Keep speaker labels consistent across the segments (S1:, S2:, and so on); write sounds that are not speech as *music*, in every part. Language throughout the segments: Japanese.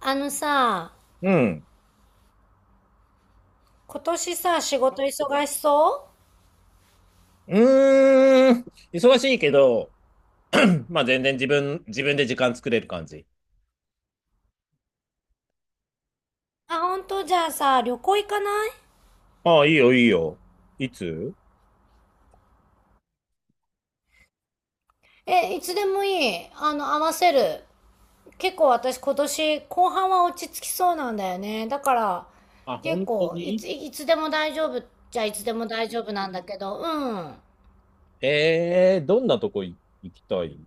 S1: あのさ、
S2: うん。
S1: 今年さ、仕事忙しそう？
S2: うーん。忙しいけど、*clears throat* まあ全然自分で時間作れる感じ。
S1: あ、本当？じゃあさ、旅行行かない？
S2: ああ、いいよ、いいよ。いつ？
S1: え、いつでもいい。あの、合わせる。結構私今年後半は落ち着きそうなんだよね。だから、
S2: あ、
S1: 結
S2: 本当
S1: 構、いつ、
S2: に？
S1: いつでも大丈夫。じゃあいつでも大丈夫なんだけど、うん。
S2: ええー、どんなとこい行きたい？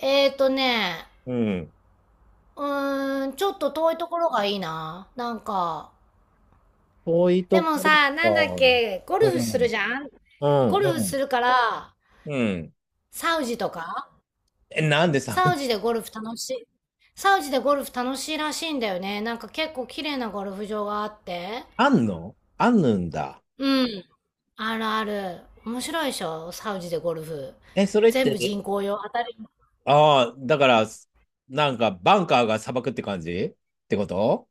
S1: えーとね、
S2: うん。
S1: うーん、ちょっと遠いところがいいな。なんか。
S2: 遠い
S1: で
S2: と
S1: も
S2: こ
S1: さ、なんだっけ、ゴ
S2: か。う
S1: ルフする
S2: ん。
S1: じゃん？
S2: う
S1: ゴ
S2: ん、
S1: ルフ
S2: う
S1: す
S2: ん。
S1: るから、
S2: うん。
S1: サウジとか。
S2: え、なんでさ？
S1: サウ
S2: *laughs*
S1: ジでゴルフ楽しい？サウジでゴルフ楽しいらしいんだよね。なんか結構綺麗なゴルフ場があって。
S2: あんのあんぬんだ。
S1: うん。あるある。面白いでしょサウジでゴルフ。
S2: え、それっ
S1: 全部
S2: て、
S1: 人工用。当たり前。
S2: ああ、だから、なんか、バンカーが砂漠って感じってこと？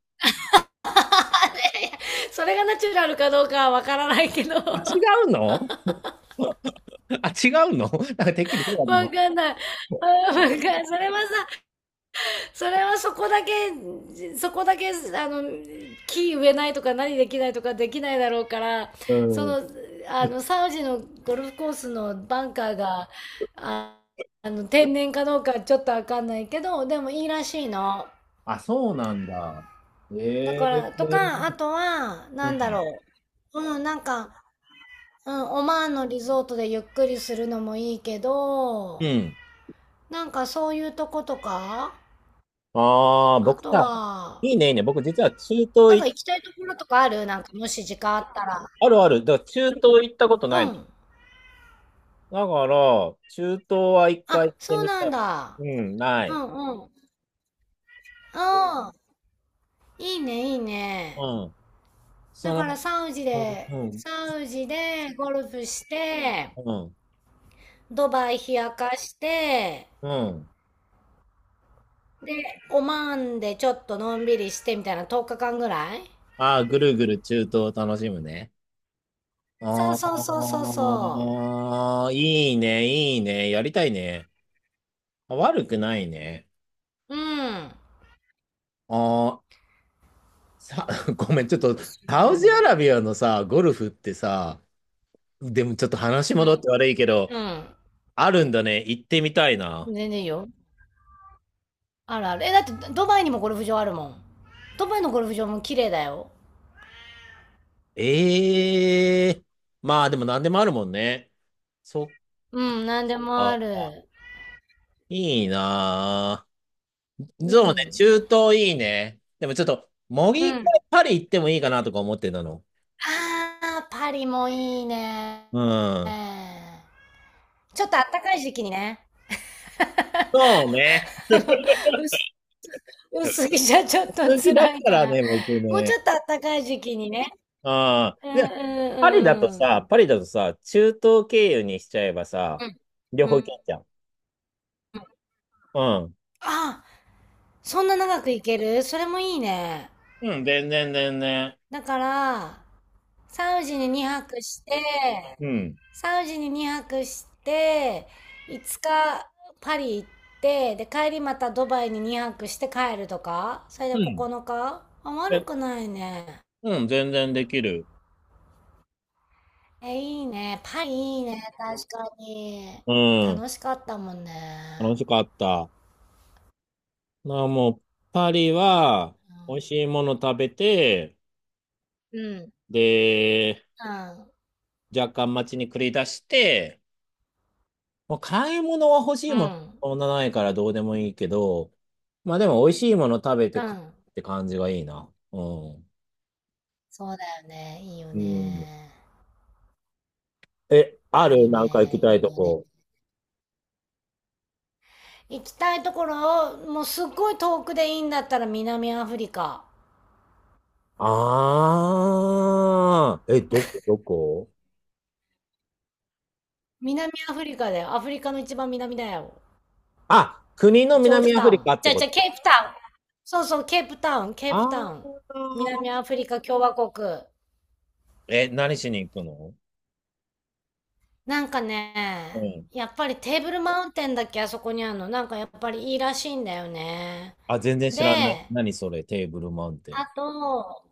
S1: *laughs* それがナチュラルかどうかはわからないけど。
S2: あ違
S1: *laughs*
S2: うの *laughs* *laughs* あ、違うの *laughs* なんかてっきりそうだと思
S1: わ
S2: っ
S1: かんない。うん、わかん、それはさ、それはそこだけ、あの、木植えないとか何できないとかできないだろうから、
S2: た。う
S1: そ
S2: ん。
S1: の、あの、サウジのゴルフコースのバンカーが、あ、あの、天然かどうかちょっとわかんないけど、でもいいらしいの。
S2: あ、そうなんだ。
S1: だ
S2: ええ、
S1: から、とか、あとは、
S2: う
S1: なんだ
S2: ん。
S1: ろう。うん、なんか、うん、オマーンのリゾートでゆっくりするのもいいけど、
S2: うん。
S1: なんかそういうとことか、
S2: ああ、
S1: あ
S2: 僕
S1: と
S2: さ、い
S1: は、
S2: いね、いいね。僕実は中
S1: な
S2: 東
S1: んか
S2: い、
S1: 行きたいところとかある？なんかもし時間あったら。
S2: あるある。だから中東行ったことな
S1: う
S2: い
S1: ん。
S2: の。だから、中東は一回
S1: あ、
S2: 行って
S1: そう
S2: み
S1: な
S2: た
S1: ん
S2: い。
S1: だ。
S2: うん、な
S1: う
S2: い。
S1: んうん。ああ、いいね、いいね。
S2: うん。そ
S1: だから
S2: の、
S1: サウジ
S2: う
S1: で、
S2: ん、うん、
S1: サウジでゴルフして、
S2: うん、
S1: ドバイ冷やかして、
S2: うん。
S1: で、オマーンでちょっとのんびりしてみたいな、10日間ぐらい。
S2: ああ、ぐるぐる中東を楽しむね。
S1: そうそうそうそ
S2: あ
S1: うそ
S2: あ、いいね、いいね。やりたいね。まあ悪くないね。
S1: う。うん。
S2: ああ、さ、*laughs* ごめん、ちょっと、サウジア
S1: そう。
S2: ラビアのさ、ゴルフってさ、でもちょっと話戻って悪いけど、
S1: うん。うん。
S2: あるんだね。行ってみたい
S1: 全
S2: な。
S1: 然いいよ。あるある。え、だってドバイにもゴルフ場あるもん。ドバイのゴルフ場も綺麗だよ。
S2: ええ、まあでも何でもあるもんね。そっ
S1: うん、なんでもあ
S2: か。
S1: る。
S2: いいなぁ。
S1: う
S2: そうね、
S1: ん。
S2: 中東いいね。でもちょっと、もう
S1: う
S2: 一回
S1: ん。
S2: パリ行ってもいいかなとか思ってたの。
S1: ああ、パリもいいね。
S2: うん。
S1: ちょっとあったかい時期にね。
S2: そうね。
S1: あの、薄、薄着じゃちょっと
S2: 好きだ
S1: 辛
S2: か
S1: いか
S2: ら
S1: ら。
S2: ね、僕
S1: もうち
S2: ね。
S1: ょっとあったかい時期にね。
S2: ああ。
S1: うんうん
S2: パリだと
S1: うん。
S2: さ、パリだとさ、中東経由にしちゃえばさ、
S1: うん。
S2: 両
S1: う
S2: 方行け
S1: ん。
S2: んじゃん。うん。
S1: あ、そんな長く行ける？それもいいね。
S2: うん、全然全然。
S1: だから、サウジに2泊して、
S2: うん。
S1: サウジに2泊して、5日パリ行って、で、帰りまたドバイに2泊して帰るとか、それ
S2: う
S1: で
S2: ん。
S1: 9日、あ、悪
S2: え、
S1: くないね。
S2: うん、全然できる。
S1: え、いいね。パリいいね。確かに。
S2: うん。
S1: 楽しかったもんね。
S2: 楽しかった。まあもう、パリは、美味しいもの食べて、
S1: うん。うん。
S2: で、
S1: うん。
S2: 若干街に繰り出して、もう買い物は欲しい
S1: う
S2: もの、
S1: ん。
S2: そんなないからどうでもいいけど、まあでも美味しいもの食べて
S1: う
S2: かっ
S1: ん、
S2: て感じがいいな。うん。
S1: そうだよね。いいよ
S2: うん。
S1: ね。
S2: え、あ
S1: パ
S2: る
S1: リ
S2: なんか行
S1: ね。
S2: きた
S1: い
S2: いと
S1: いよね。
S2: こ？
S1: 行きたいところを、もうすっごい遠くでいいんだったら南アフリカ。
S2: ああ、え、どこ、どこ？
S1: 南アフリカだよ。アフリカの一番南だよ。
S2: あ、国の
S1: ジョージ
S2: 南ア
S1: タ
S2: フリ
S1: ウン。
S2: カっ
S1: じ
S2: て
S1: ゃあ
S2: こ
S1: じゃあ、ケ
S2: と？
S1: ープタウン。そうそう、ケープタウン、ケープタ
S2: あ
S1: ウ
S2: あ
S1: ン。南アフリカ共和国。
S2: ー、え、何しに行くの？
S1: なんか
S2: う
S1: ね、
S2: ん。
S1: やっぱりテーブルマウンテンだっけ、あそこにあるの。なんかやっぱりいいらしいんだよね。
S2: あ、全然知らない。
S1: で、
S2: 何それ、テーブルマウンテン。
S1: あと、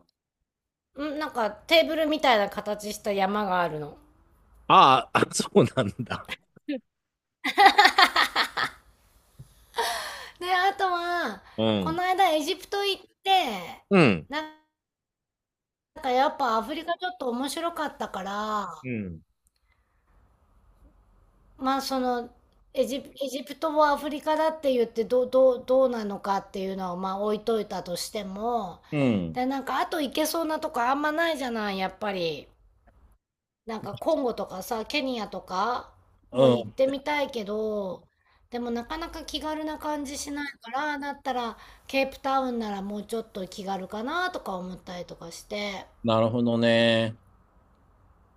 S1: ん、なんかテーブルみたいな形した山があるの。
S2: あーあ、そうなんだ。
S1: で、あとは、
S2: う
S1: こ
S2: ん。
S1: の間エジプト行って、
S2: うん。
S1: なんかやっぱアフリカちょっと面白かったから、
S2: うん。
S1: まあそのエジプトをアフリカだって言ってどうなのかっていうのはまあ置いといたとしても、
S2: うん。
S1: で、なんかあと行けそうなとこあんまないじゃない、やっぱり。なんかコンゴとかさ、ケニアとかも
S2: う
S1: 行って
S2: ん。
S1: みたいけど、でもなかなか気軽な感じしないから、だったらケープタウンならもうちょっと気軽かなとか思ったりとかして。
S2: なるほどね。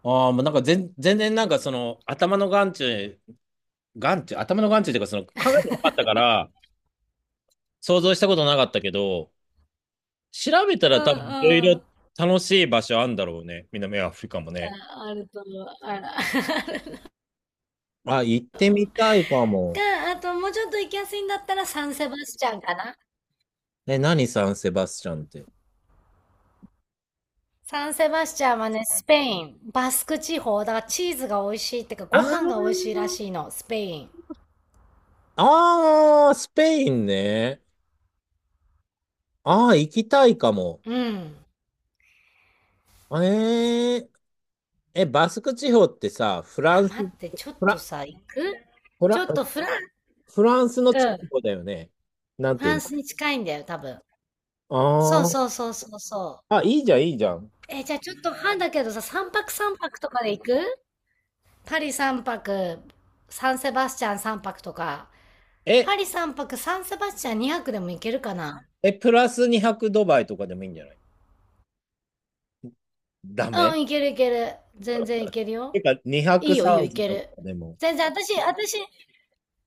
S2: ああ、もうなんか全、全然なんかその頭の眼中、眼中、頭の眼中っていうかその考えてなかったから想像したことなかったけど、調べた
S1: う
S2: ら
S1: ん
S2: 多
S1: うん。
S2: 分いろい
S1: あ
S2: ろ楽しい場所あんだろうね。南アフリカもね。
S1: あると思う。あら。*laughs*
S2: あ、行ってみたいかも。
S1: が、あともうちょっと行きやすいんだったらサンセバスチャンかな。
S2: え、何サンセバスチャンって？
S1: サンセバスチャンはね、スペイン、バスク地方、だからチーズが美味しいってか、
S2: あ
S1: ご
S2: ー、
S1: 飯が美味しいらしいの、スペイン。
S2: あー、スペインね。あー、行きたいかも。
S1: うん。
S2: えー、え、バスク地方ってさ、フラ
S1: あ、
S2: ンス、
S1: 待って、ちょっ
S2: フ
S1: と
S2: ラ、
S1: さ、行く？
S2: フ
S1: ちょ
S2: ラ、
S1: っとフラン、
S2: フランスの
S1: う
S2: 近
S1: ん。
S2: くだよね。なん
S1: フ
S2: てい
S1: ラン
S2: う
S1: スに近いんだよ、多分。そ
S2: の？
S1: うそう
S2: あ
S1: そうそうそう。
S2: ー、あ、いいじゃん、いいじゃん。
S1: え、じゃあちょっと半だけどさ、3泊とかで行く？パリ3泊、サンセバスチャン3泊とか。パ
S2: え、
S1: リ3泊、サンセバスチャン2泊でも行けるかな？
S2: え、プラス200ドバイとかでもいいんじゃない？ダ
S1: う
S2: メ？
S1: ん、いけるいける。全然いける
S2: て
S1: よ。
S2: か、
S1: い
S2: 200
S1: いよい
S2: サ
S1: いよ、
S2: ウ
S1: い
S2: ジ
S1: け
S2: と
S1: る。
S2: かでも。
S1: 全然、私、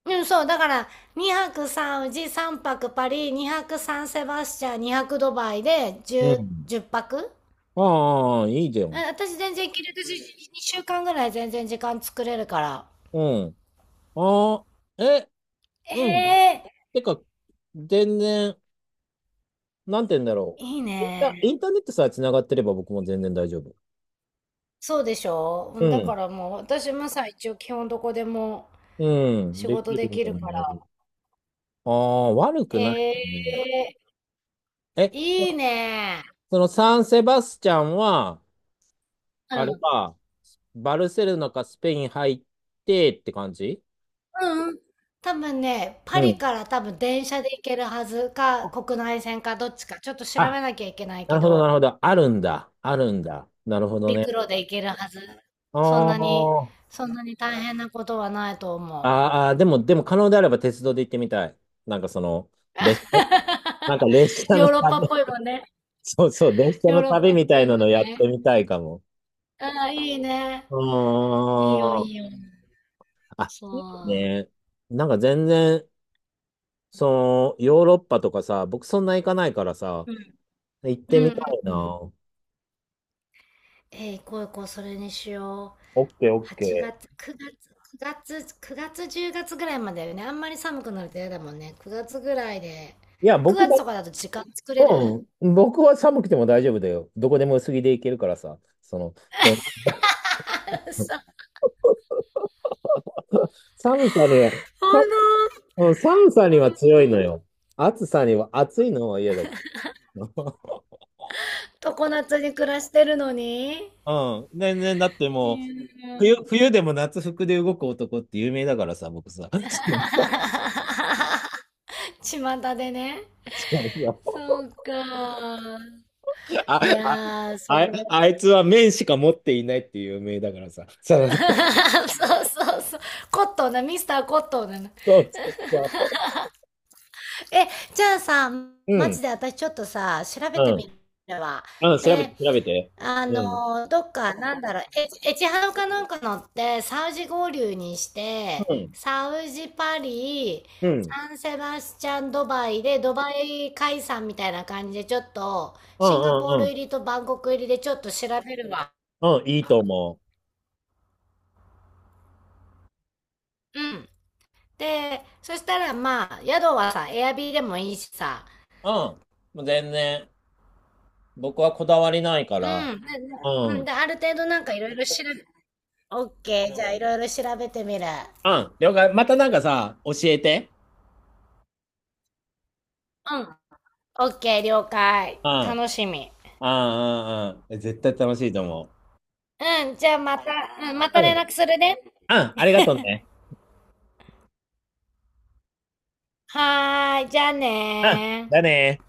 S1: うん、そう、だから、2泊3宇治、3泊パリ、2泊3セバスチャン、2泊ドバイで
S2: う
S1: 10、
S2: ん。
S1: 10泊
S2: ああ、いいじゃ
S1: うん、
S2: ん。
S1: 私全然いける。私、2週間ぐらい全然時間作れるから。
S2: うん。ああ、え、
S1: え
S2: うん。
S1: え、
S2: てか、全然、なんて言うんだろ
S1: いい
S2: う。
S1: ね。
S2: インターネットさえ繋がってれば僕も全然大丈夫。
S1: そうでしょう？う
S2: う
S1: ん、だか
S2: ん。
S1: らもう、私もさ、一応基本どこでも
S2: うん。
S1: 仕
S2: でき
S1: 事で
S2: る
S1: きる
S2: もん
S1: か
S2: ね。
S1: ら。
S2: ああ、悪く
S1: え
S2: ないね。
S1: え、
S2: え、
S1: いい
S2: そ
S1: ね。
S2: のサンセバスチャンは、あれか、バルセロナかスペイン入ってって感じ？
S1: うんうん。多分ね、パ
S2: う
S1: リ
S2: ん。
S1: から多分電車で行けるはずか、国内線かどっちか、ちょっと調べ
S2: あ、
S1: なきゃいけない
S2: な
S1: け
S2: るほど、な
S1: ど、
S2: るほど。あるんだ。あるんだ。なるほど
S1: 陸
S2: ね。
S1: 路で行けるはず。
S2: あ
S1: そんなに、
S2: ー、
S1: そんなに大変なことはないと思う。
S2: あー、でも、でも可能であれば鉄道で行ってみたい。なんかその、列車、なんか
S1: *laughs*
S2: 列車
S1: ヨ
S2: の
S1: ーロッパっ
S2: 旅、
S1: ぽ
S2: *laughs*
S1: いもんね。
S2: そうそう、列車
S1: ヨー
S2: の
S1: ロッ
S2: 旅
S1: パっ
S2: みた
S1: ぽ
S2: い
S1: いも
S2: な
S1: ん
S2: のやっ
S1: ね。
S2: てみたいかも。
S1: ああ、いいね。
S2: う
S1: いいよ、い
S2: ーん。
S1: いよ。
S2: あ、いい
S1: そ
S2: ね。なんか全然、その、ヨーロッパとかさ、僕そんな行かないからさ、
S1: う。うん。
S2: 行ってみ
S1: う
S2: た
S1: ん、
S2: い
S1: う
S2: な。
S1: ん。うん
S2: オ
S1: えー、行こう行こう、それにしよ？
S2: ッケーオッケ
S1: 8
S2: ー。
S1: 月、9月、10月ぐらいまでだよね。あんまり寒くなると嫌だもんね。9月ぐらいで。
S2: いや、僕
S1: 9
S2: だ、
S1: 月とかだと時間作れる？
S2: うん、僕は寒くても大丈夫だよ。どこでも薄着で行けるからさ、その、で
S1: *laughs* さ、
S2: 寒さで、
S1: ほん
S2: うん、寒さには強いのよ。暑さには、暑いのは嫌だけど。
S1: と常夏に暮らしてるのに。
S2: *laughs* うん。全然、だって
S1: う
S2: もう、
S1: ん。
S2: 冬でも夏服で動く男って有名だからさ、僕さ。*laughs*
S1: 巷でね。
S2: そうそうそ
S1: そ
S2: う
S1: うか。
S2: *laughs* あ、
S1: い
S2: あ、
S1: やー、そ
S2: あ、
S1: れ。
S2: あいつは麺しか持っていないっていう有名だからさ。そうそ
S1: *laughs* そうそうそう。コットンな、ミスターコットンなの。
S2: うそうそ
S1: え、じゃあさ、
S2: う。う
S1: マ
S2: ん。
S1: ジで私ちょっとさ、調
S2: う
S1: べてみ
S2: ん。
S1: るわ。
S2: うん、調べて、
S1: で、
S2: 調べて。
S1: あ
S2: うん。
S1: の、どっか、なんだろう、エチハウかなんか乗って、サウジ合流にし
S2: う
S1: て、
S2: ん。
S1: サウジパリ、
S2: うん。
S1: サンセバスチャンドバイで、ドバイ解散みたいな感じで、ちょっと、
S2: うん、
S1: シンガポー
S2: うん、
S1: ル
S2: う
S1: 入
S2: ん。
S1: りとバンコク入りでちょっと調べるわ。
S2: うん、いいと思
S1: うん。で、そしたらまあ、宿はさ、エアビーでもいいしさ、
S2: う。うん。もう全然、僕はこだわりないか
S1: う
S2: ら。
S1: ん。で、で、う
S2: う
S1: ん
S2: ん。
S1: で、ある程度なんかいろいろ調べ、オッケー、じゃあいろいろ調べてみる。
S2: うん、了解。またなんかさ、教えて。
S1: うん。オッケー、了解。
S2: うん、
S1: 楽しみ。
S2: うん、うん、うん。絶対楽しいと思
S1: うん、じゃあまた、うん、ま
S2: う。
S1: た
S2: うん、
S1: 連絡するね。
S2: うん、ありがとうね。
S1: はーい、じゃあ
S2: うん、
S1: ねー。
S2: だね